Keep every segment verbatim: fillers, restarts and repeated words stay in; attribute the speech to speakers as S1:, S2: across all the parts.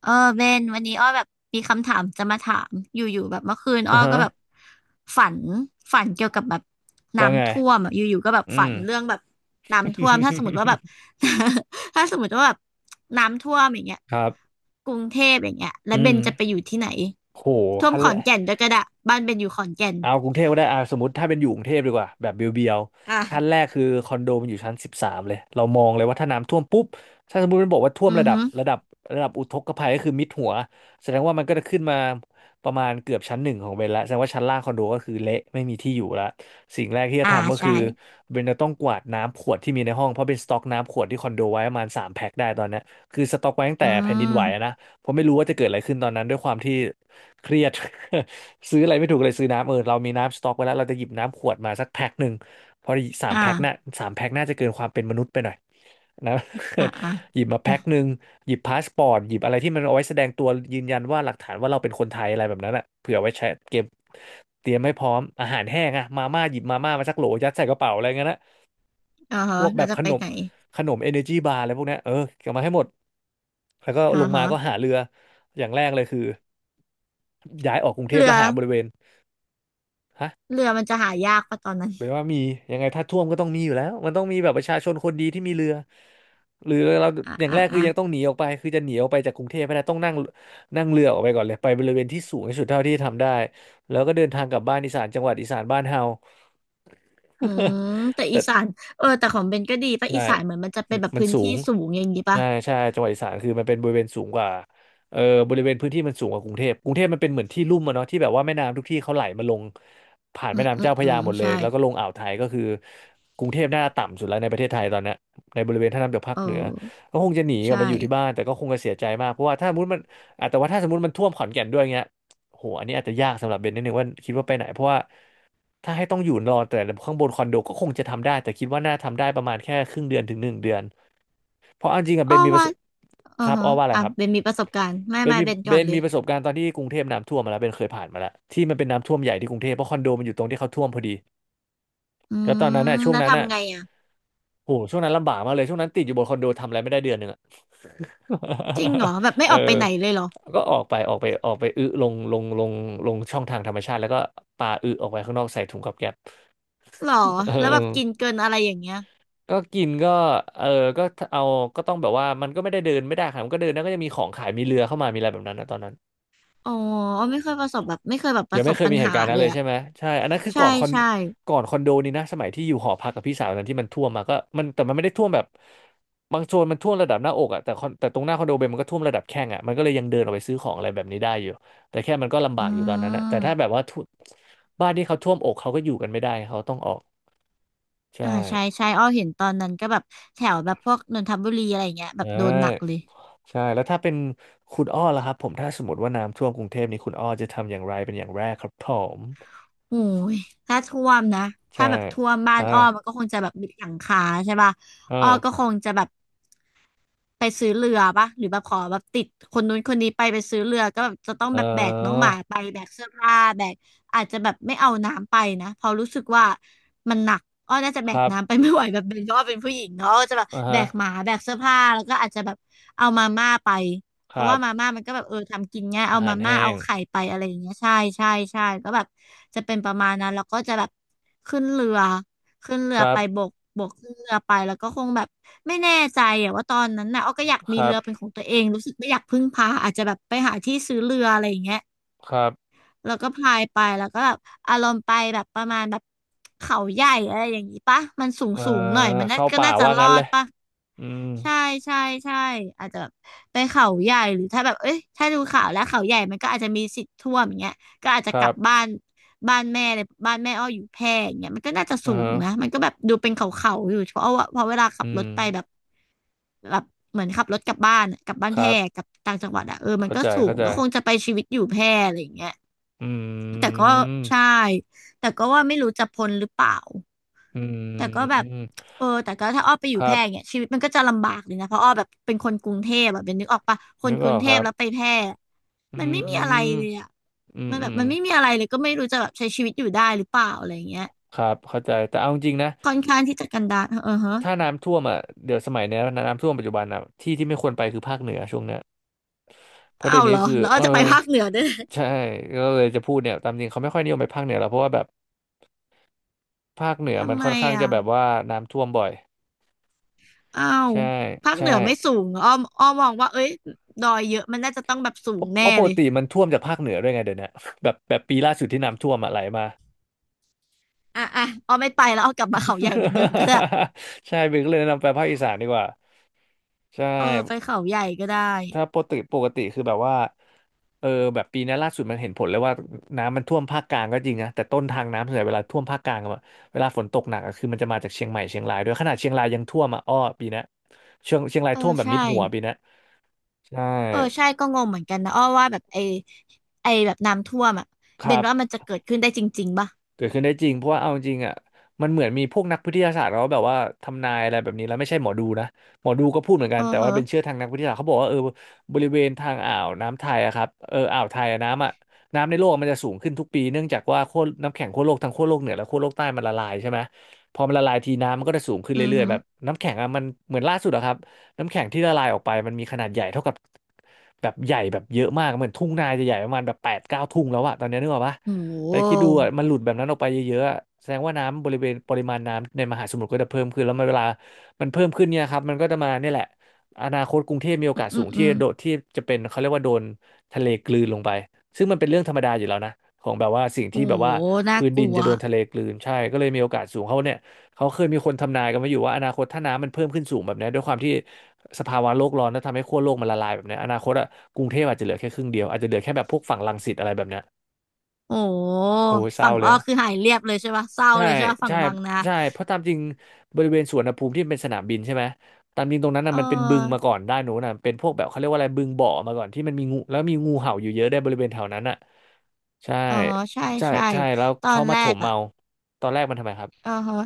S1: เออเบนวันนี้อ้อแบบมีคำถามจะมาถามอยู่ๆแบบเมื่อคืนอ้
S2: อ่า
S1: อ
S2: ฮะ
S1: ก็แบบฝันฝันเกี่ยวกับแบบ
S2: ว่าไง
S1: น้ำท่วมอ่ะอยู่ๆก็แบบ
S2: อื
S1: ฝั
S2: ม
S1: นเรื่องแบบน้ำท่วมถ้าสมมติว่าแบบ ถ้าสมมติว่าแบบน้ำท่วมอย่างเงี้ย
S2: ครับ
S1: กรุงเทพอย่างเงี้ยแล้
S2: อื
S1: วเบ
S2: ม
S1: นจะไปอยู่ที่ไหน
S2: โห
S1: ท่วม
S2: ขั้น
S1: ขอ
S2: แร
S1: น
S2: ก
S1: แก่นด้วยก็ได้บ้านเบนอยู่ขอนแก่น
S2: เอากรุงเทพก็ได้อ่าสมมติถ้าเป็นอยู่กรุงเทพดีกว่า แบบเบียว
S1: อ่ะ
S2: ๆขั้นแรกคือคอนโดมันอยู่ชั้นสิบสามเลย เรามองเลยว่าถ้าน้ำท่วมปุ๊บถ้าสมมติมันบอกว่าท่วม
S1: อือ
S2: ระดับ
S1: ฮึ
S2: ระดับระดับอุทกภัยก็คือมิดหัวแสดงว่ามันก็จะขึ้นมาประมาณเกือบชั้นหนึ่งของเบนละแสดงว่าชั้นล่างคอนโดก็คือเละไม่มีที่อยู่ละสิ่งแรกที่จะ
S1: อ่า
S2: ทำก็คื
S1: ใช่
S2: อเบนจะต้องกวาดน้ำขวดที่มีในห้องเพราะเป็นสต็อกน้ำขวดที่คอนโดไว้ประมาณสามแพ็คได้ตอนเนี้ยคือสต็อกไว้ตั้งแต่
S1: อื
S2: แผ่นดินไหวอะ
S1: ม
S2: นะเพราะไม่รู้ว่าจะเกิดอะไรขึ้นตอนนั้นด้วยความที่เครียด ซื้ออะไรไม่ถูกเลยซื้อน้ำเออเรามีน้ำสต็อกไว้แล้วเราจะหยิบน้ำขวดมาสักแพ็คหนึ่งเพราะสาม
S1: อ่า
S2: แพ็คน่ะสามแพ็คน่าจะเกินความเป็นมนุษย์ไปหน่อยนะ
S1: อ่าอ่า
S2: หยิบมา
S1: อื
S2: แพ็
S1: ม
S2: คหนึ่งหยิบพาสปอร์ตหยิบอะไรที่มันเอาไว้แสดงตัวยืนยันว่าหลักฐานว่าเราเป็นคนไทยอะไรแบบนั้นอ่ะเผื่อไว้ใช้เก็บเตรียมให้พร้อมอาหารแห้งอะมาม่าหยิบมาม่ามาสักโหลยัดใส่กระเป๋าอะไรเงี้ยนะ
S1: อา
S2: พ
S1: ฮะ
S2: วกแบ
S1: เรา
S2: บ
S1: จะ
S2: ข
S1: ไป
S2: นม
S1: ไหน
S2: ขนมเอเนอร์จีบาร์อะไรพวกเนี้ยเออเก็บมาให้หมดแล้วก็ล
S1: อ่า
S2: งมา
S1: ฮะ
S2: ก็หาเรืออย่างแรกเลยคือย้ายออกกรุงเทพ
S1: เรื
S2: แล้
S1: อ
S2: วหาบริเวณฮะ
S1: เรือมันจะหายากปะตอนนั้น
S2: แปลว่ามียังไงถ้าท่วมก็ต้องมีอยู่แล้วมันต้องมีแบบประชาชนคนดีที่มีเรือหรือเรา
S1: อ่ะ
S2: อย่างแร
S1: อ่ะ
S2: กคือ
S1: อ่ะ
S2: ยังต้องหนีออกไปคือจะหนีออกไปจากกรุงเทพไม่ได้ต้องนั่งนั่งเรือออกไปก่อนเลยไปบริเวณที่สูงที่สุดเท่าที่ทำได้แล้วก็เดินทางกลับบ้านอีสานจังหวัดอีสานบ้านเฮา
S1: อื มแต่
S2: แต่
S1: อีสานเออแต่ของเบนก็ดีปะ
S2: ใช่
S1: อีสานเหมือนมันจะเป็
S2: ม
S1: นแบบ
S2: มัน
S1: พื้น
S2: สู
S1: ที่
S2: ง
S1: สูงอย่างนี้ปะ
S2: ใช่ใช่จังหวัดอีสานคือมันเป็นบริเวณสูงกว่าเออบริเวณพื้นที่มันสูงกว่ากรุงเทพกรุงเทพมันเป็นเหมือนที่ลุ่มอะเนาะที่แบบว่าแม่น้ำทุกที่เขาไหลมาลงผ่าน
S1: อื
S2: แม่
S1: ม
S2: น้ำ
S1: อืม
S2: เจ้าพ
S1: อื
S2: ระยา
S1: ม
S2: หมดเล
S1: ใช่
S2: ยแล้วก็ลงอ่าวไทยก็คือกรุงเทพน่าจะต่ำสุดแล้วในประเทศไทยตอนเนี้ยในบริเวณท่าน้ำจากภาค
S1: เออ
S2: เหนือก็คงจะหนีกลั
S1: ใช่
S2: บมาอยู่ที่บ้านแต่ก็คงจะเสียใจมากเพราะว่าถ้าสมมติมันอ่ะแต่ว่าถ้าสมมติมันท่วมขอนแก่นด้วยเงี้ยโหอันนี้อาจจะยากสำหรับเบนนิดนึงว่าคิดว่าไปไหนเพราะว่า ถ้าให้ต้องอยู่รอแต่ข้างบนคอนโดก็คงจะทำได้แต่คิดว่าน่าทำได้ประมาณแค่ครึ่งเดือนถึงหนึ่งเดือนเพราะเอาจริงอะ
S1: อ้
S2: เบ
S1: อ
S2: นมีประ
S1: ว่า
S2: สบ
S1: อื
S2: ค
S1: อ
S2: รับ
S1: ฮะ
S2: อ้อว่าอะไร
S1: อ่ะ
S2: ครับ
S1: เบนมีประสบการณ์ ไม่
S2: เบ
S1: ไม่
S2: นมี
S1: เบน
S2: เบ
S1: ก่อน
S2: น
S1: เลย
S2: มีประสบการณ์ตอนที่กรุงเทพน้ำท่วมมาแล้วเบนเคยผ่านมาแล้วที่มันเป็นน้ำท่วมใหญ่ที่กรุงเทพเพราะคอนโดมันอยู่ตรงที่เขาท่วมพอดี
S1: อื
S2: แล้วตอนนั้นน่ะ
S1: ม
S2: ช่วง
S1: แล้ว
S2: นั้นน่ะ
S1: ทำไงอ่ะ
S2: โหช่วงนั้นลำบากมากเลยช่วงนั้นติดอยู่บนคอนโดทำอะไรไม่ได้เดือนหนึ่งอะ
S1: จริงเหรอแบบไม่
S2: เออ
S1: ออกไปไหนเลยเหรอ
S2: ก็ออกไปออกไปออกไปอึลงลงลงลงช่องทางธรรมชาติแล้วก็ปาอึออกไปข้างนอกใส่ถุงกับแก๊ป
S1: หรอ
S2: เอ
S1: แล้วแบ
S2: อ
S1: บกิน เกินอะไรอย่างเงี้ย
S2: ก็กินก็เออก็เอาก็ต้องแบบว่ามันก็ไม่ได้เดินไม่ได้ครับมันก็เดินแล้วก็จะมีของขายมีเรือเข้ามามีอะไรแบบนั้นนะตอนนั้น
S1: อ๋อไม่เคยประสบแบบไม่เคยแบบป
S2: ยัง
S1: ระส
S2: ไม่
S1: บ
S2: เคย
S1: ปัญ
S2: มีเห
S1: หา
S2: ตุการณ์นั้
S1: เล
S2: นเล
S1: ย
S2: ย
S1: อ่ะ
S2: ใช่ไหมใช่อันนั้นคือ
S1: ใช่
S2: ก่อนคอน
S1: ใช่
S2: ก่อนคอนโดนี้นะสมัยที่อยู่หอพักกับพี่สาวตอนนั้นที่มันท่วมมาก็มันแต่มันไม่ได้ท่วมแบบบางโซนมันท่วมระดับหน้าอกอ่ะแต่คอนแต่ตรงหน้าคอนโดเบนมันก็ท่วมระดับแข้งอ่ะมันก็เลยยังเดินออกไปซื้อของอะไรแบบนี้ได้อยู่แต่แค่มันก็ลำ
S1: อื
S2: บากอยู่ตอนนั้นนะแต่ถ้าแบ
S1: ม
S2: บว่าท่วบ้านที่เขาท่วมอกเขาก็อยู่กันไม่ได้เขาต้องออกใช่
S1: อ่าใช่ใช่อ้อเห็นตอนนั้นก็แบบแถวแบบพวกนนทบุรีอะไรเงี้ยแบบ
S2: ใช่
S1: โดนหนักเลย
S2: ใช่แล้วถ้าเป็นคุณอ้อล่ะครับผมถ้าสมมติว่าน้ำท่วมกรุงเทพนี่คุณอ้อจะทำอย่างไรเป็นอย่างแรกครับผม
S1: โอ้ยถ้าท่วมนะถ้า
S2: ใช่
S1: แบบท่วมบ้าน
S2: อ่า
S1: อ้อมันก็คงจะแบบมิดหลังคาใช่ป่ะอ้อก็
S2: อ่า
S1: คงจะแบบ ไปซื้อเรือปะหรือแบบขอแบบติดคนนู้นคนนี้ไปไปซื้อเรือก็แบบจะต้อง
S2: เอ
S1: แบบแบกน้องห
S2: อ
S1: มาไปแบกเสื้อผ้าแบกอาจจะแบบไม่เอาน้ำไปนะเพราะรู้สึกว่ามันหนักอ้อน่าจะแบ
S2: ค
S1: ก
S2: รับ
S1: น้ำไปไม่ไหวแบบเป็นเพราะว่าเป็นผู้หญิงเนาะก็จะแบบ
S2: อ่า
S1: แบ
S2: ฮะ
S1: กหมาแบกเสื้อผ้าแล้วก็อาจจะแบบเอามาม่าไปเพ
S2: ค
S1: ราะ
S2: รั
S1: ว่ามา
S2: บ
S1: ม่ามันก็แบบเออทำกินง่าย
S2: อา
S1: เอา
S2: หา
S1: มา
S2: ร
S1: ม่า
S2: แห้
S1: เอา
S2: ง
S1: ไข่ไปอะไรอย่างเงี้ยใช่ใช่ใช่ก็แบบจะเป็นประมาณนั้นแล้วก็จะแบบขึ้นเรือ ขึ้นเรื
S2: ค
S1: อ
S2: รั
S1: ไป
S2: บ
S1: บก บกขึ้นเรือไปแล้วก็คงแบบไม่แน่ใจอะว่าตอนนั้นน่ะอ้อก็อยาก
S2: ค
S1: มี
S2: รั
S1: เรื
S2: บ
S1: อเป็นของตัวเองรู้สึกไม่อยากพึ่งพาอาจจะแบบไปหาที่ซื้อเรืออะไรอย่างเงี้ย
S2: ครับ
S1: แล้วก็พายไปแล้วก็แบบอารมณ์ไปแบบประมาณแบบเขาใหญ่อะไรอย่างนี้ปะมันสูง
S2: เอ่อ
S1: สูงหน่อยมันน่า
S2: เข้า
S1: ก็
S2: ป่า
S1: น่าจะ
S2: ว่า
S1: รอ
S2: งั้นเล
S1: ด
S2: ย
S1: ปะ
S2: อืม
S1: ใช่ใช่ใช่อาจจะแบบไปเขาใหญ่หรือถ้าแบบเอ้ยถ้าดูข่าวแล้วเขาใหญ่มันก็อาจจะมีสิทธิ์ท่วมอย่างเงี้ยก็อาจจะ
S2: ค
S1: ก
S2: รั
S1: ลับ
S2: บ
S1: บ้านบ้านแม่เลยบ้านแม่อ้ออยู่แพร่อย่างเงี้ยมันก็น่าจะ
S2: อ่า
S1: สูง
S2: ฮะ
S1: นะมันก็แบบดูเป็นเขาเขาอยู่เพราะว่าเพราะเวลาขั
S2: อื
S1: บรถ
S2: ม
S1: ไปแบบแบบเหมือนขับรถกลับบ้านอะกลับบ้าน
S2: ค
S1: แพ
S2: รั
S1: ร่
S2: บ
S1: กลับต่างจังหวัดอะเออมัน
S2: เข้า
S1: ก็
S2: ใจ
S1: สู
S2: เข้า
S1: ง
S2: ใจ
S1: ก็คงจะไปชีวิตอยู่แพร่อะไรอย่างเงี้ย
S2: อื
S1: แต่ก็ใช่
S2: ม
S1: แต่ก็ว่าไม่รู้จะพ้นหรือเปล่า
S2: อื
S1: แต่ก็แบบ
S2: ม
S1: เออแต่ก็ถ้าอ้อไปอ
S2: ค
S1: ยู่แพ
S2: รั
S1: ร่เนี่
S2: บ
S1: ยชีวิตมันก็จะลำบากเลยนะเพราะอ้อแบบเป็นคนกรุงเทพอะเป็นนึกออกปะคน
S2: นึก
S1: ก
S2: อ
S1: รุ
S2: อ
S1: ง
S2: ก
S1: เท
S2: ค
S1: พ
S2: รับ
S1: แล้วไปแพร่
S2: อื
S1: มันไม่มีอะไร
S2: ม
S1: เลยอะ
S2: อืม
S1: มันแบ
S2: อื
S1: บ
S2: ม
S1: มันไม่มีอะไรเลยก็ไม่รู้จะแบบใช้ชีวิตอยู่ได้หรือเปล่าอะไรอย่างเงี้ย
S2: ครับเข้าใจแต่เอาจริงนะ
S1: ค่อนข้างที่จะกันดารเออฮะ
S2: ถ้าน้ำท่วมอ่ะเดี๋ยวสมัยเนี้ยน้ำท่วมปัจจุบันอ่ะที่ที่ไม่ควรไปคือภาคเหนือช่วงเนี้ยเพราะ
S1: อ้า
S2: เดี๋ยว
S1: วเห
S2: นี้
S1: รอ
S2: คือ
S1: แล้วอ้อ
S2: เอ
S1: จะไป
S2: อ
S1: ภาคเหนือด้วย
S2: ใช่ก็เลยจะพูดเนี่ยตามจริงเขาไม่ค่อยนิยมไปภาคเหนือล้วเพราะว่าแบบภาคเหนือมั
S1: ทำ
S2: น
S1: ไม
S2: ค่อนข้างจะ
S1: อ่ะ
S2: แบบว่าน้ำท่วมบ่อย
S1: อ้าว
S2: ใช่
S1: ภาค
S2: ใช่
S1: เหนือไม่สูงเหรออ้อมอ้อมองว่าเอ้ยดอยเยอะมันน่าจะต้องแบบสู
S2: เพ
S1: ง
S2: ราะเพ
S1: แน่
S2: ราะป
S1: เล
S2: ก
S1: ย
S2: ติมันท่วมจากภาคเหนือด้วยไงเดี๋ยวเนี้ยแบบแบบปีล่าสุดที่น้ำท่วมอ่ะไหลมา
S1: อ่ะอ่ะอ้อไม่ไปแล้วอ้อกลับมาเขาใหญ่เหมือนเดิมก็ได้
S2: ใช่เบนก็เลยแนะนำไปภาคอีสานดีกว่าใช่
S1: เออไปเขาใหญ่ก็ได้
S2: ถ้าปกติปกติคือแบบว่าเออแบบปีนี้ล่าสุดมันเห็นผลเลยว่าน้ำมันท่วมภาคกลางก็จริงนะแต่ต้นทางน้ำส่วนใหญ่เวลาท่วมภาคกลางอะเวลาฝนตกหนักอะคือมันจะมาจากเชียงใหม่เชียงรายด้วยขนาดเชียงรายยังท่วมอ่ะอ้อปีนี้เชียงเชียงราย
S1: เอ
S2: ท่ว
S1: อ
S2: มแบบมิ
S1: ใช่
S2: ดหัวปีนี้ใช่
S1: เออใช่ก็งงเหมือนกันนะอ้อว่าแบบไอไอแบบน้ำท่วมอ่ะ
S2: ค
S1: เบ
S2: รั
S1: นว่า
S2: บ
S1: มันจะเกิดขึ้นได้จริงๆป่ะ
S2: เกิดขึ้นได้จริงเพราะว่าเอาจริงอ่ะมันเหมือนมีพวกนักวิทยาศาสตร์เขาแบบว่าทำนายอะไรแบบนี้แล้วไม่ใช่หมอดูนะหมอดูก็พูดเหมือนกั
S1: เอ
S2: น
S1: อ
S2: แต่
S1: เฮอ
S2: ว่าเป็นเชื่อทางนักวิทยาศาสตร์เขาบอกว่าเออบริเวณทางอ่าวน้ำไทยอะครับเอออ่าวไทยอะน้ำอะน้ำในโลกมันจะสูงขึ้นทุกปีเนื่องจากว่าขั้วน้ำแข็งขั้วโลกทั้งขั้วโลกเหนือและขั้วโลกใต้มันละลายใช่ไหมพอมันละลายทีน้ำมันก็จะสูงขึ้น
S1: อือ
S2: เรื่อย
S1: ฮึ
S2: ๆแบบน้ำแข็งอะมันเหมือนล่าสุดอะครับน้ำแข็งที่ละลายออกไปมันมีขนาดใหญ่เท่ากับแบบใหญ่แบบเยอะมากเหมือนทุ่งนาจะใหญ่ประมาณแบบแปดเก้าทุ่งแล้วอะตอนนี้นึกออกปะ
S1: โอ้โ
S2: แต่คิดดู
S1: ห
S2: อ่ะมันหลุดแบบนั้นออกไปเยอะๆอะแสดงว่าน้ำบริเวณปริมาณน้ำในมหาสมุทรก็จะเพิ่มขึ้นแล้วมันเวลามันเพิ่มขึ้นเนี่ยครับมันก็จะมาเนี่ยแหละอนาคตกรุงเทพมีโอ
S1: อื
S2: กา
S1: ม
S2: ส
S1: อื
S2: สู
S1: ม
S2: ง
S1: อื
S2: ที่
S1: ม
S2: โดดที่จะเป็นเขาเรียกว่าโดนทะเลกลืนลงไปซึ่งมันเป็นเรื่องธรรมดาอยู่แล้วนะของแบบว่าสิ่งที่
S1: โอ้
S2: แบบ
S1: โห
S2: ว่า
S1: น่า
S2: พื้น
S1: ก
S2: ดิน
S1: ลัว
S2: จะโดนทะเลกลืนใช่ก็เลยมีโอกาสสูงเขาเนี่ยเขาเคยมีคนทำนายกันมาอยู่ว่าอนาคตถ้าน้ำมันเพิ่มขึ้นสูงแบบเนี้ยด้วยความที่สภาวะโลกร้อนแล้วทำให้ขั้วโลกมันละลายแบบเนี้ยอนาคตอะกรุงเทพอาจจะเหลือแค่ครึ่งเดียวอาจจะเหลือแค่แบบพวกฝั่งรังสิตอะไรแบบเนี้ย
S1: โอ้โห
S2: โอ้ยเศร้า
S1: ฝั่ง
S2: เล
S1: อ้อ
S2: ย
S1: คือหายเรียบเลยใช่ป่ะเศร้า
S2: ใช่
S1: เลยใช่ป่ะฝั่ง
S2: ใช่
S1: บางนา
S2: ใช่เพราะตามจริงบริเวณสวนอุณหภูมิที่เป็นสนามบินใช่ไหมตามจริงตรงนั้นน่ะ
S1: เอ
S2: มันเป็นบึงมา
S1: อ
S2: ก่อนด้านโน้นน่ะเป็นพวกแบบเขาเรียกว่าอะไรบึงบ่อมาก่อนที่มันมีงูแล้วมีงูเห่าอยู่เยอะได้วยบริเวณแถวนั้นน่ะใช่
S1: อ๋อใช่
S2: ใช่
S1: ใช่
S2: ใช่แล้ว
S1: ตอ
S2: เขา
S1: น
S2: มา
S1: แร
S2: ถ
S1: ก
S2: ม
S1: อ่ะ
S2: เอาตอนแรกมันทำไมครับ
S1: อ่าฮะ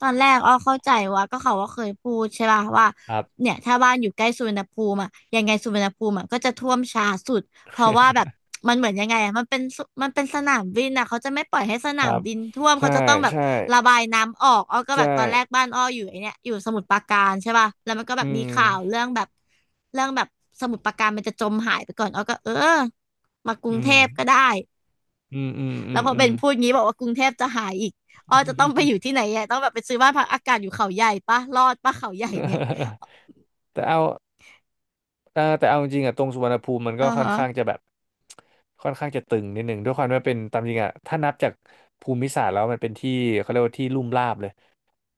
S1: ตอนแรกอ้อเข้าใจว่าก็เขาว่าเคยพูดใช่ป่ะว่า
S2: ครับ
S1: เนี่ยถ้าบ้านอยู่ใกล้สุวรรณภูมิอ่ะยังไงสุวรรณภูมิอะก็จะท่วมช้าสุดเพราะว่าแบบมันเหมือนยังไงอะมันเป็นสุมันเป็นสนามบินอ่ะเขาจะไม่ปล่อยให้ส
S2: ค
S1: นาม
S2: รับ
S1: บินท่วม
S2: ใช่
S1: เขาจะต้องแบบ
S2: ใช่
S1: ระบายน้ำออกอ้อก็แบ
S2: ใช่
S1: บตอนแรกบ้านอ้ออยู่ไอเนี่ยอยู่สมุทรปราการใช่ป่ะแล้วมันก็แบ
S2: อื
S1: บมีข่าว
S2: ม
S1: เรื่องแบบเรื่องแบบสมุทรปราการมันจะจมหายไปก่อนอ้อก็เออมากรุ
S2: อื
S1: งเท
S2: ม
S1: พก็ได้
S2: อืมอืมอื
S1: แล้วพอเบ
S2: ม
S1: น พูดงี้บอกว่ากรุงเทพจะหายอีกอ้อ
S2: อื
S1: จะต้องไปอยู่
S2: ม
S1: ที่ไหนอ่ะต้องแบบไปซื้อบ้านพักอากาศอยู่เขาใหญ่ปะรอดปะเขาใหญ่เนี่ย
S2: แต่เอา อ่าแต่เอาจริงๆอ่ะตรงสุวรรณภูมิมันก็
S1: อ่า
S2: ค่อน
S1: ฮะ
S2: ข้างจะแบบค่อนข้างจะตึงนิดหนึ่งด้วยความที่ว่าเป็นตามจริงอ่ะถ้านับจากภูมิศาสตร์แล้วมันเป็นที่เขาเรียกว่าที่ลุ่มราบเลย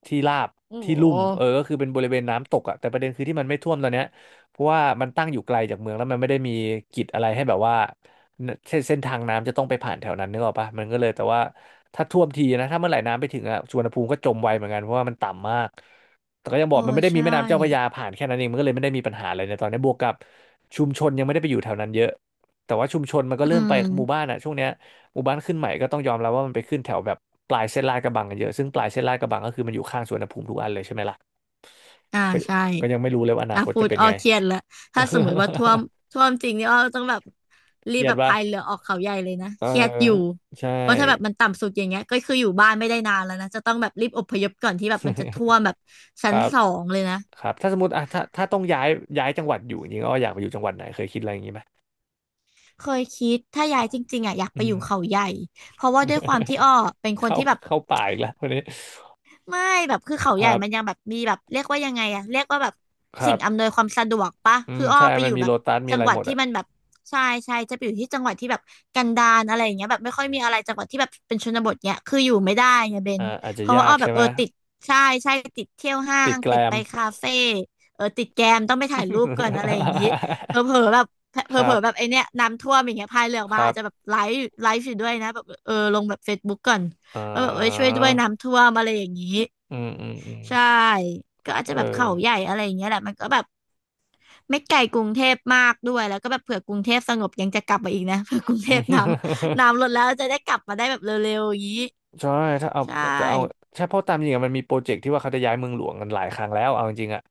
S2: ที่ราบ
S1: โอ้
S2: ที่
S1: โห
S2: ลุ่มเออก็คือเป็นบริเวณน้ำตกอ่ะแต่ประเด็นคือที่มันไม่ท่วมตอนเนี้ยเพราะว่ามันตั้งอยู่ไกลจากเมืองแล้วมันไม่ได้มีกิจอะไรให้แบบว่าเส้นเส้นทางน้ำจะต้องไปผ่านแถวนั้นนึกออกปะมันก็เลยแต่ว่า ถ้าท่วมทีนะถ้าเมื่อไหร่น้ำไปถึงอะสุวรรณภูมิก็จมไวเหมือนกันเพราะว่ามันต่ำมากแต่ก็ยังบ
S1: เอ
S2: อก
S1: อ
S2: มันไม่ได้มี
S1: ใช่
S2: แม่น้ำเจ้าพระยาผ่านแค่นั้นเองมันก็เลยไม่ได้มีปัญหาอะไรในตอนนี้บวกกับชุมชนยังไม่ได้ไปอยู่แถวนั้นเยอะแต่ว่าชุมชนมันก็
S1: อื
S2: เริ่มไปหมู่บ้าน
S1: ม
S2: อะช่วงเนี้ยหมู่บ้านขึ้นใหม่ก็ต้องยอมรับว่ามันไปขึ้นแถวแบบปลายเส้นลาดกระบังกันเยอะซึ่งปลายเส้นลาดกระบังก็คือมันอยู่ข้างสุวรรณภูมิทุกอันเลยใช่ไหมล่ะ
S1: อ่า
S2: ก็
S1: ใช่
S2: ก็ยังไม่รู้เลยว่าอนา
S1: อ่ะ
S2: คต
S1: พู
S2: จะ
S1: ด
S2: เป็น
S1: อ้อ
S2: ไง
S1: เครียดแล้วถ้าสมมติว่าท่ว มท่วมจริงนี่อ้อต้องแบบ
S2: เค
S1: รีบ
S2: รีย
S1: แบ
S2: ด
S1: บ
S2: ปะ
S1: พายเรือออกเขาใหญ่เลยนะ
S2: เออ
S1: เครียดอยู่
S2: ใช่
S1: เพราะถ้าแบบมันต่ำสุดอย่างเงี้ยก็คืออยู่บ้านไม่ได้นานแล้วนะจะต้องแบบรีบอพยพก่อนที่แบบมันจะท่วมแบบ
S2: ค
S1: ชั้น
S2: รับ
S1: สองเลยนะ
S2: ครับถ้าสมมติอ่ะถ้าถ้าต้องย้ายย้ายจังหวัดอยู่จริงๆก็อยากไปอยู่จังหวัดไหนเคยคิดอะไรอย่างนี้ไหม
S1: เคยคิดถ้าย้ายจริงๆอ่ะอยาก
S2: อื
S1: ไปอยู่
S2: ม
S1: เขาใหญ่เพราะว่าด้วยความที่อ้อเป็น คน
S2: เข้า
S1: ที่แบบ
S2: เข้าป่าอีกแล้วคนนี้
S1: ไม่แบบคือเขา
S2: ค
S1: ใหญ่
S2: รับ
S1: มันยังแบบมีแบบเรียกว่ายังไงอะเรียกว่าแบบ
S2: ครั
S1: สิ่ง
S2: บ
S1: อำนวยความสะดวกปะ
S2: อื
S1: คื
S2: ม
S1: ออ้อ
S2: ใช่
S1: ไป
S2: มั
S1: อ
S2: น
S1: ยู่
S2: มี
S1: แบ
S2: โล
S1: บ
S2: ตัสมี
S1: จั
S2: อะ
S1: ง
S2: ไร
S1: หวั
S2: ห
S1: ด
S2: มด
S1: ที่
S2: อ่ะ
S1: มันแบบใช่ใช่จะไปอยู่ที่จังหวัดที่แบบกันดารอะไรอย่างเงี้ยแบบไม่ค่อยมีอะไรจังหวัดที่แบบเป็นชนบทเนี้ยคืออยู่ไม่ได้ไงเบน
S2: อ่าอาจจะ
S1: เพราะ
S2: ยา
S1: ว่าอ้
S2: ก
S1: อแบ
S2: ใช่
S1: บ
S2: ไห
S1: เอ
S2: ม
S1: อติดใช่ใช่ติดเที่ยวห้า
S2: ติด
S1: ง
S2: แกล
S1: ติด
S2: ม
S1: ไปคาเฟ่เออติดแกมต้องไปถ่ายรูปก่อนอะไรอย่างงี้เผ ลอๆแบบเผ
S2: ครั
S1: ลอๆแบบไอ
S2: บ
S1: เนี้ยน้ำท่วมอย่างเงี้ยพายเรือออก
S2: ค
S1: มา
S2: รั
S1: อา
S2: บ
S1: จจะแบบไลฟ์ไลฟ์อยู่ด้วยนะแบบเออลงแบบเฟซบุ๊กก่อน
S2: อ่
S1: ว่าแบบเออช่วย
S2: า
S1: ด้วยน้ำท่วมอะไรอย่างงี้
S2: อืมอืมอืม
S1: ใช่ ก็อาจจะแบ
S2: เอ
S1: บ
S2: อ
S1: เขาใหญ่อะไรอย่างเงี้ยแหละมันก็แบบไม่ไกลกรุงเทพมากด้วย แล้วก็แบบเผื่อกรุงเทพสงบยังจะกลับมาอีกนะ เผื่อกรุงเทพน้ำ น้ำลดแล้วจะได้กลับมาได้แบบเร็วๆอย่างนี้
S2: ใช่ถ้าเอา
S1: ใช
S2: แต่เอา
S1: ่
S2: ใช่เพราะตามจริงอะมันมีโปรเจกต์ที่ว่าเขาจะย้ายเมืองหลวงกันหลายครั้งแล้วเอาจริงๆอะ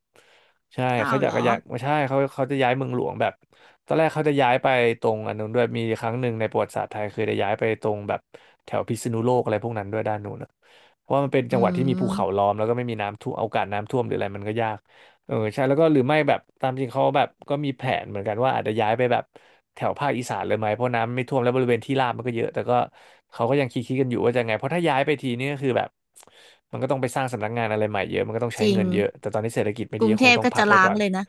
S2: ใช่
S1: อ้า
S2: เขา
S1: ว
S2: อ
S1: เห
S2: ยา
S1: ร
S2: กจะ
S1: อ
S2: ย้ายไม่ใช่เขาเขาจะย้ายเมืองหลวงแบบตอนแรกเขาจะย้ายไปตรงอันนู้นด้วยมีครั้งหนึ่งในประวัติศาสตร์ไทยเคยได้ย้ายไปตรงแบบแถวพิษณุโลกอะไรพวกนั้นด้วยด้านนู้นอะเพราะว่ามันเป็น
S1: อื
S2: จังหวัดที่มีภูเขา
S1: ม
S2: ล้อมแล้วก็ไม่มีน้ำท่วมโอกาสน้ำท่วมหรืออะไรมันก็ยาก เออใช่แล้วก็หรือไม่แบบตามจริงเขาแบบก็มีแผนเหมือนกันว่าอาจจะย้ายไปแบบแถวภาคอีสานเลยไหมเพราะน้ำไม่ท่วมแล้วบริเวณที่ราบมันก็เยอะแต่ก็เขาก็ยังคิดคิดกันอยู่ว่าจะไงเพราะถ้าย้ายไปทีนี่ก็คือแบบมันก็ต้องไปสร้างสำนักงานอะไรใหม่เยอะมันก็ต้อง
S1: จ
S2: ใช้
S1: ริง
S2: เงินเยอะแต่ตอนนี้เศรษฐกิจไม่
S1: ก
S2: ดี
S1: รุง
S2: ก็
S1: เท
S2: คง
S1: พ
S2: ต้อง
S1: ก็
S2: พัก
S1: จะ
S2: ไว้
S1: ล้า
S2: ก่
S1: ง
S2: อน
S1: เลยนะ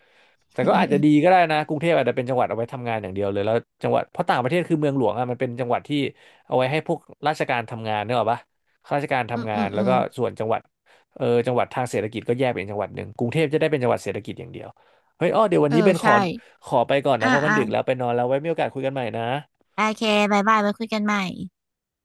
S2: แต่ก็อาจจะดีก็ได้นะกรุงเทพอาจจะเป็นจังหวัดเอาไว้ทำงานอย่างเดียวเลยแล้วจังหวัดเพราะต่างประเทศคือเมืองหลวงอ่ะมันเป็นจังหวัดที่เอาไว้ให้พวกราชการทำงานเนกอะปะข้าราชการ
S1: อืม
S2: ทำงา
S1: อื
S2: น
S1: ม
S2: แล้
S1: อื
S2: วก็
S1: ม
S2: ส่วนจังหวัดเออจังหวัดทางเศรษฐกิจก็แยกเป็นจังหวัดหนึ่งกรุงเทพจะได้เป็นจังหวัดเศรษฐกิจอย่างเดียวเฮ้ยอ้อเดี๋ยววัน
S1: เออ
S2: นี้เบนขอ
S1: ใช่
S2: ขอไปก่อนนะ
S1: อ่า
S2: เพราะมัน
S1: อ่า
S2: ดึกแล้วไปนอนแล้วไว้มีโอกาสคุยกันใหม่นะ
S1: โอเคบายบายไว้คุยกันใหม่